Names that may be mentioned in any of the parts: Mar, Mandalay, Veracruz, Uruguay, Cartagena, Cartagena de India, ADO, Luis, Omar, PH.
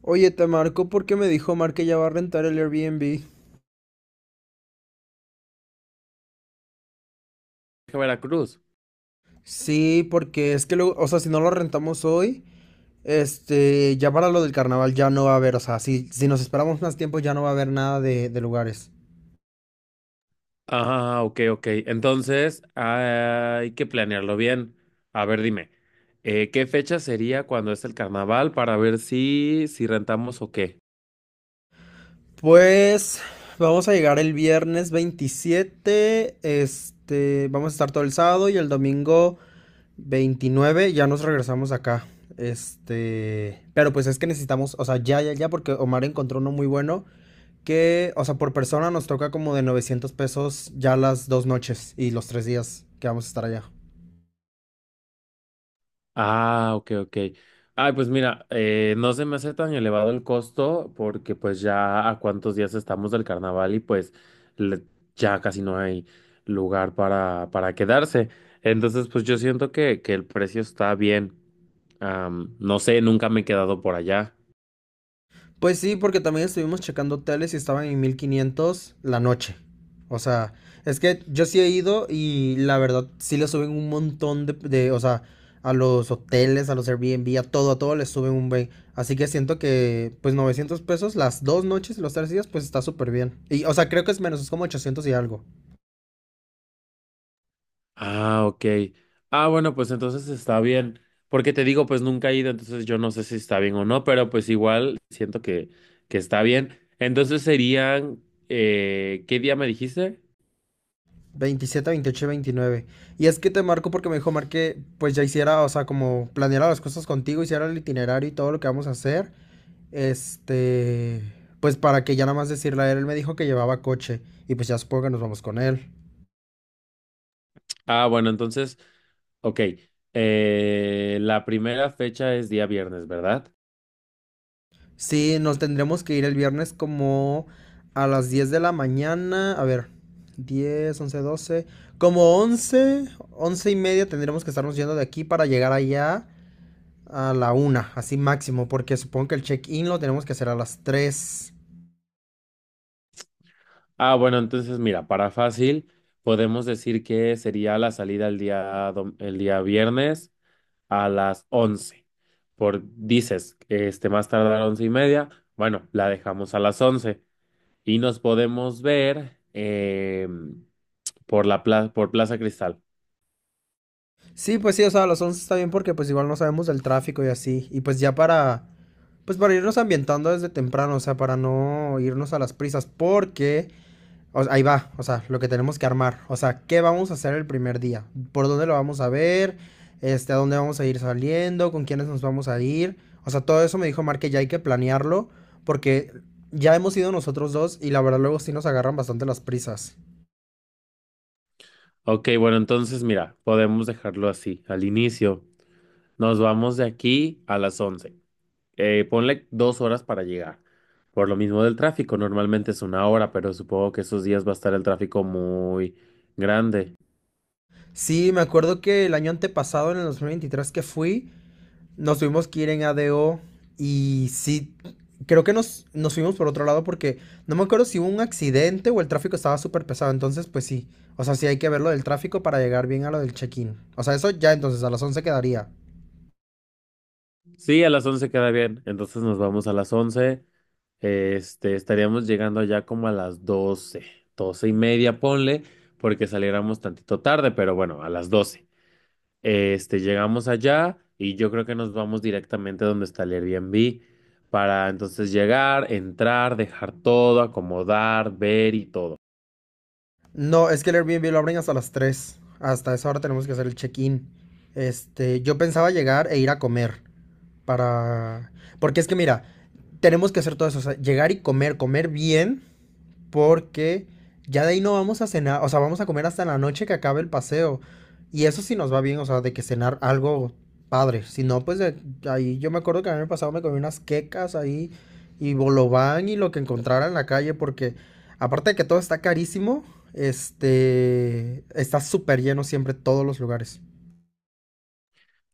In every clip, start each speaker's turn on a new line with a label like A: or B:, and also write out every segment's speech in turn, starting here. A: Oye, te marco porque me dijo Mar que ya va a rentar el Airbnb.
B: A Veracruz.
A: Sí, porque es que luego, o sea, si no lo rentamos hoy, ya para lo del carnaval ya no va a haber, o sea, si, si nos esperamos más tiempo ya no va a haber nada de lugares.
B: Ah, ok, ok. Entonces, hay que planearlo bien. A ver, dime, ¿qué fecha sería cuando es el carnaval para ver si rentamos o qué?
A: Pues vamos a llegar el viernes 27, vamos a estar todo el sábado y el domingo 29, ya nos regresamos acá. Pero pues es que necesitamos, o sea, ya, ya, ya, porque Omar encontró uno muy bueno que, o sea, por persona nos toca como de $900 ya las dos noches y los tres días que vamos a estar allá.
B: Ah, ok, ok. Ay, pues mira, no se me hace tan elevado el costo porque pues ya a cuántos días estamos del carnaval y pues le- ya casi no hay lugar para quedarse. Entonces, pues yo siento que el precio está bien. No sé, nunca me he quedado por allá.
A: Pues sí, porque también estuvimos checando hoteles y estaban en 1500 la noche. O sea, es que yo sí he ido y la verdad sí le suben un montón de, o sea, a los hoteles, a los Airbnb, a todo les suben un bey. Así que siento que, pues $900 las dos noches y los tres días, pues está súper bien. Y, o sea, creo que es menos, es como 800 y algo.
B: Ah, ok. Ah, bueno, pues entonces está bien. Porque te digo, pues nunca he ido, entonces yo no sé si está bien o no, pero pues igual siento que está bien. Entonces serían, ¿qué día me dijiste?
A: 27 28 y 29. Y es que te marco porque me dijo Mar que pues ya hiciera, o sea, como planeara las cosas contigo, hiciera el itinerario y todo lo que vamos a hacer. Este, pues para que ya nada más decirle a él, él me dijo que llevaba coche y pues ya supongo que nos vamos con él.
B: Ah, bueno, entonces, ok. La primera fecha es día viernes, ¿verdad?
A: Sí, nos tendremos que ir el viernes como a las 10 de la mañana, a ver, 10 11 doce, como once, 11 y media tendremos que estarnos yendo de aquí para llegar allá a la una, así máximo, porque supongo que el check-in lo tenemos que hacer a las tres.
B: Ah, bueno, entonces mira, para fácil, podemos decir que sería la salida el día viernes. A las 11. Por dices, este, más tarde a las 11:30, bueno, la dejamos a las 11 y nos podemos ver por Plaza Cristal.
A: Sí, pues sí, o sea, a las 11 está bien porque pues igual no sabemos del tráfico y así. Y pues ya para irnos ambientando desde temprano, o sea, para no irnos a las prisas, porque. O ahí va, o sea, lo que tenemos que armar. O sea, ¿qué vamos a hacer el primer día? ¿Por dónde lo vamos a ver? ¿A dónde vamos a ir saliendo? ¿Con quiénes nos vamos a ir? O sea, todo eso me dijo Mar que ya hay que planearlo porque ya hemos ido nosotros dos y la verdad luego sí nos agarran bastante las prisas.
B: Ok, bueno, entonces mira, podemos dejarlo así. Al inicio, nos vamos de aquí a las 11. Ponle 2 horas para llegar. Por lo mismo del tráfico, normalmente es 1 hora, pero supongo que esos días va a estar el tráfico muy grande.
A: Sí, me acuerdo que el año antepasado, en el 2023 que fui, nos tuvimos que ir en ADO y sí, creo que nos fuimos por otro lado porque no me acuerdo si hubo un accidente o el tráfico estaba súper pesado. Entonces, pues sí. O sea, sí hay que ver lo del tráfico para llegar bien a lo del check-in. O sea, eso ya entonces a las 11 quedaría.
B: Sí, a las 11 queda bien. Entonces nos vamos a las 11. Este, estaríamos llegando allá como a las 12, 12:30, ponle, porque saliéramos tantito tarde, pero bueno, a las 12. Este, llegamos allá y yo creo que nos vamos directamente donde está el Airbnb para entonces llegar, entrar, dejar todo, acomodar, ver y todo.
A: No, es que el Airbnb lo abren hasta las tres. Hasta esa hora tenemos que hacer el check-in. Yo pensaba llegar e ir a comer. Para. Porque es que mira, tenemos que hacer todo eso. O sea, llegar y comer, comer bien. Porque ya de ahí no vamos a cenar, o sea, vamos a comer hasta la noche que acabe el paseo. Y eso sí nos va bien, o sea, de que cenar algo padre. Si no, pues ahí yo me acuerdo que el año pasado me comí unas quecas ahí y bolobán y lo que encontrara en la calle, porque aparte de que todo está carísimo, está súper lleno siempre todos los lugares.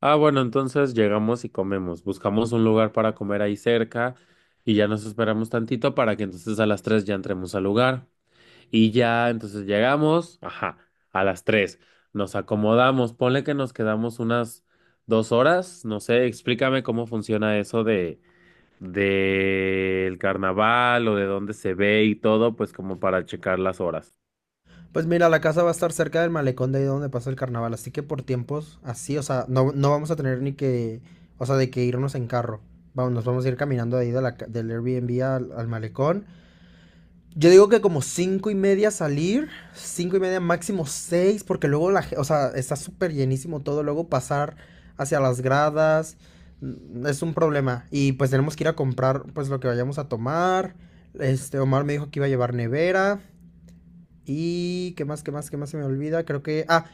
B: Ah, bueno, entonces llegamos y comemos. Buscamos un lugar para comer ahí cerca y ya nos esperamos tantito para que entonces a las 3 ya entremos al lugar. Y ya, entonces llegamos, ajá, a las 3. Nos acomodamos, ponle que nos quedamos unas 2 horas, no sé, explícame cómo funciona eso de del carnaval o de dónde se ve y todo, pues como para checar las horas.
A: Pues mira, la casa va a estar cerca del malecón de ahí donde pasa el carnaval, así que por tiempos así, o sea, no, no vamos a tener ni que, o sea, de que irnos en carro. Vamos, nos vamos a ir caminando de ahí del Airbnb al malecón. Yo digo que como cinco y media salir, cinco y media máximo seis, porque luego o sea, está súper llenísimo todo, luego pasar hacia las gradas, es un problema. Y pues tenemos que ir a comprar pues lo que vayamos a tomar. Omar me dijo que iba a llevar nevera. Y qué más, qué más, qué más se me olvida. Creo que. Ah,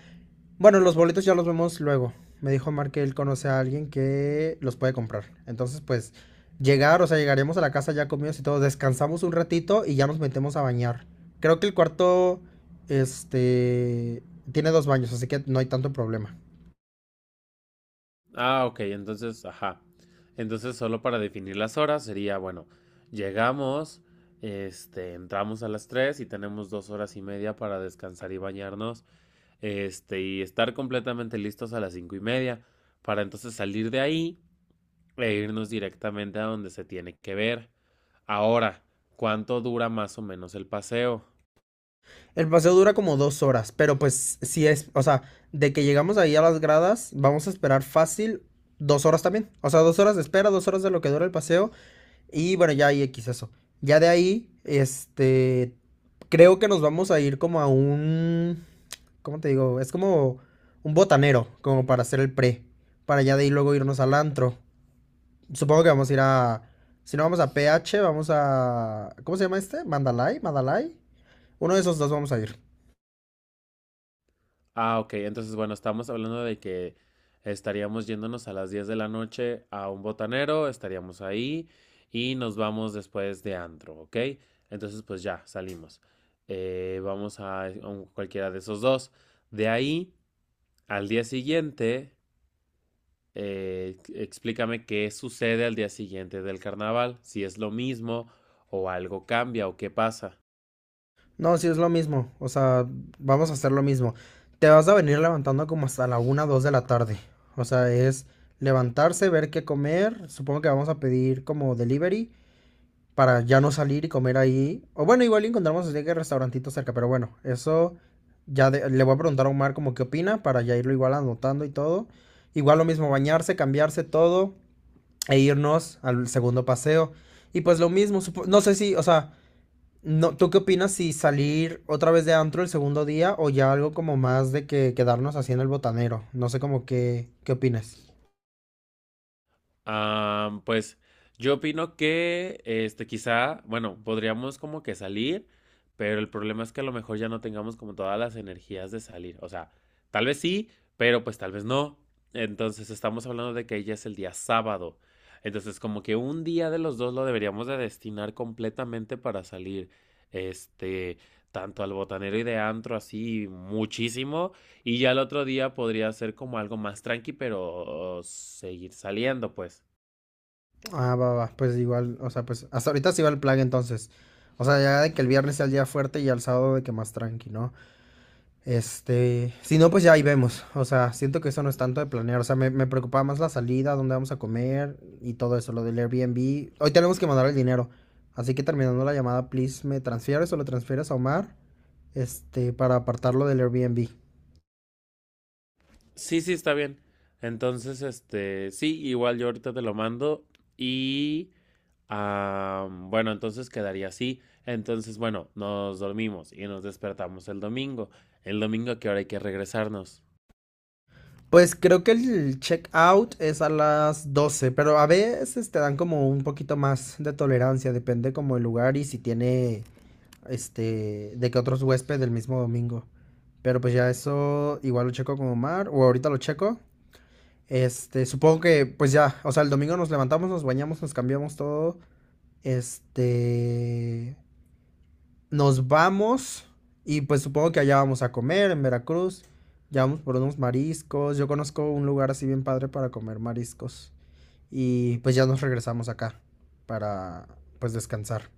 A: bueno, los boletos ya los vemos luego. Me dijo Mar que él conoce a alguien que los puede comprar. Entonces, pues, llegar, o sea, llegaremos a la casa ya comidos y todo. Descansamos un ratito y ya nos metemos a bañar. Creo que el cuarto. Este. Tiene dos baños, así que no hay tanto problema.
B: Ah, ok, entonces, ajá. Entonces, solo para definir las horas sería, bueno, llegamos, este, entramos a las 3 y tenemos 2 horas y media para descansar y bañarnos, este, y estar completamente listos a las 5:30 para entonces salir de ahí e irnos directamente a donde se tiene que ver. Ahora, ¿cuánto dura más o menos el paseo?
A: El paseo dura como dos horas, pero pues si es, o sea, de que llegamos ahí a las gradas, vamos a esperar fácil dos horas también. O sea, dos horas de espera, dos horas de lo que dura el paseo. Y bueno, ya ahí X eso. Ya de ahí, creo que nos vamos a ir como a un, ¿cómo te digo? Es como un botanero, como para hacer el pre. Para ya de ahí luego irnos al antro. Supongo que vamos a ir a, si no vamos a PH, vamos a, ¿cómo se llama este? Mandalay, Mandalay. Uno de esos dos vamos a ir.
B: Ah, ok, entonces bueno, estamos hablando de que estaríamos yéndonos a las 10 de la noche a un botanero, estaríamos ahí y nos vamos después de antro, ¿ok? Entonces pues ya, salimos. Vamos a cualquiera de esos dos. De ahí, al día siguiente, explícame qué sucede al día siguiente del carnaval, si es lo mismo o algo cambia o qué pasa.
A: No, sí es lo mismo. O sea, vamos a hacer lo mismo. Te vas a venir levantando como hasta la una, 2 de la tarde. O sea, es levantarse, ver qué comer. Supongo que vamos a pedir como delivery para ya no salir y comer ahí. O bueno, igual encontramos así que restaurantito cerca, pero bueno, eso ya le voy a preguntar a Omar como qué opina para ya irlo igual anotando y todo. Igual lo mismo, bañarse, cambiarse todo e irnos al segundo paseo. Y pues lo mismo, no sé si, o sea, no, ¿tú qué opinas si salir otra vez de antro el segundo día o ya algo como más de que quedarnos así en el botanero? No sé como que, ¿qué opinas?
B: Pues yo opino que este quizá, bueno, podríamos como que salir, pero el problema es que a lo mejor ya no tengamos como todas las energías de salir. O sea, tal vez sí, pero pues tal vez no. Entonces estamos hablando de que ya es el día sábado. Entonces como que un día de los dos lo deberíamos de destinar completamente para salir, este, tanto al botanero y de antro así muchísimo y ya el otro día podría ser como algo más tranqui, pero seguir saliendo, pues.
A: Ah, va, va, pues igual, o sea, pues hasta ahorita sí va el plan entonces. O sea, ya de que el viernes sea el día fuerte y al sábado de que más tranqui, ¿no? Si no, pues ya ahí vemos. O sea, siento que eso no es tanto de planear. O sea, me preocupaba más la salida, dónde vamos a comer y todo eso, lo del Airbnb. Hoy tenemos que mandar el dinero. Así que terminando la llamada, please, me transfieres o lo transfieres a Omar, para apartarlo del Airbnb.
B: Sí, sí, está bien. Entonces, este, sí, igual yo ahorita te lo mando y, ah, bueno, entonces quedaría así. Entonces, bueno, nos dormimos y nos despertamos el domingo. El domingo, ¿a qué hora hay que regresarnos?
A: Pues creo que el check out es a las 12, pero a veces te dan como un poquito más de tolerancia, depende como el lugar y si tiene de que otros huéspedes del mismo domingo. Pero pues ya eso igual lo checo con Omar, o ahorita lo checo. Supongo que pues ya, o sea, el domingo nos levantamos, nos bañamos, nos cambiamos todo. Este, nos vamos y pues supongo que allá vamos a comer en Veracruz. Ya vamos por unos mariscos. Yo conozco un lugar así bien padre para comer mariscos. Y pues ya nos regresamos acá para pues descansar.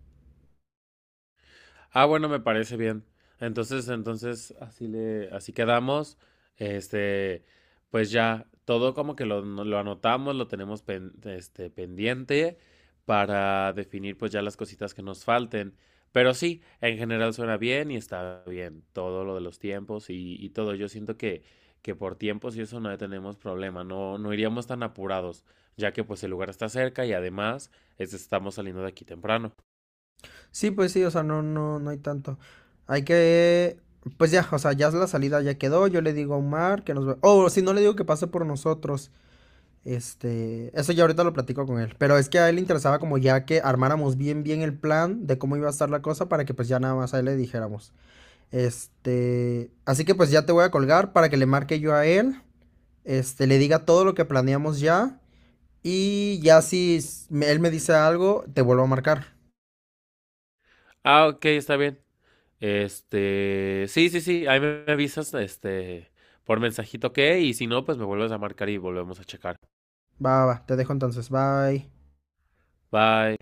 B: Ah, bueno, me parece bien. Entonces, así le, así quedamos. Este, pues ya, todo como que lo, no, lo anotamos, lo tenemos pendiente para definir pues ya las cositas que nos falten. Pero sí, en general suena bien y está bien. Todo lo de los tiempos y todo. Yo siento que por tiempos y eso no tenemos problema. No, no iríamos tan apurados, ya que pues el lugar está cerca y además estamos saliendo de aquí temprano.
A: Sí, pues sí, o sea, no, no, no hay tanto. Hay que, pues ya, o sea, ya la salida ya quedó. Yo le digo a Omar que nos ve. O si no le digo que pase por nosotros. Eso ya ahorita lo platico con él. Pero es que a él le interesaba como ya que armáramos bien, bien el plan de cómo iba a estar la cosa para que pues ya nada más a él le dijéramos. Así que pues ya te voy a colgar para que le marque yo a él. Le diga todo lo que planeamos ya. Y ya si él me dice algo, te vuelvo a marcar.
B: Ah, ok, está bien. Este, sí, sí, sí, ahí me avisas, este, por mensajito que, y si no, pues me vuelves a marcar y volvemos a checar.
A: Va, va, va, te dejo entonces. Bye.
B: Bye.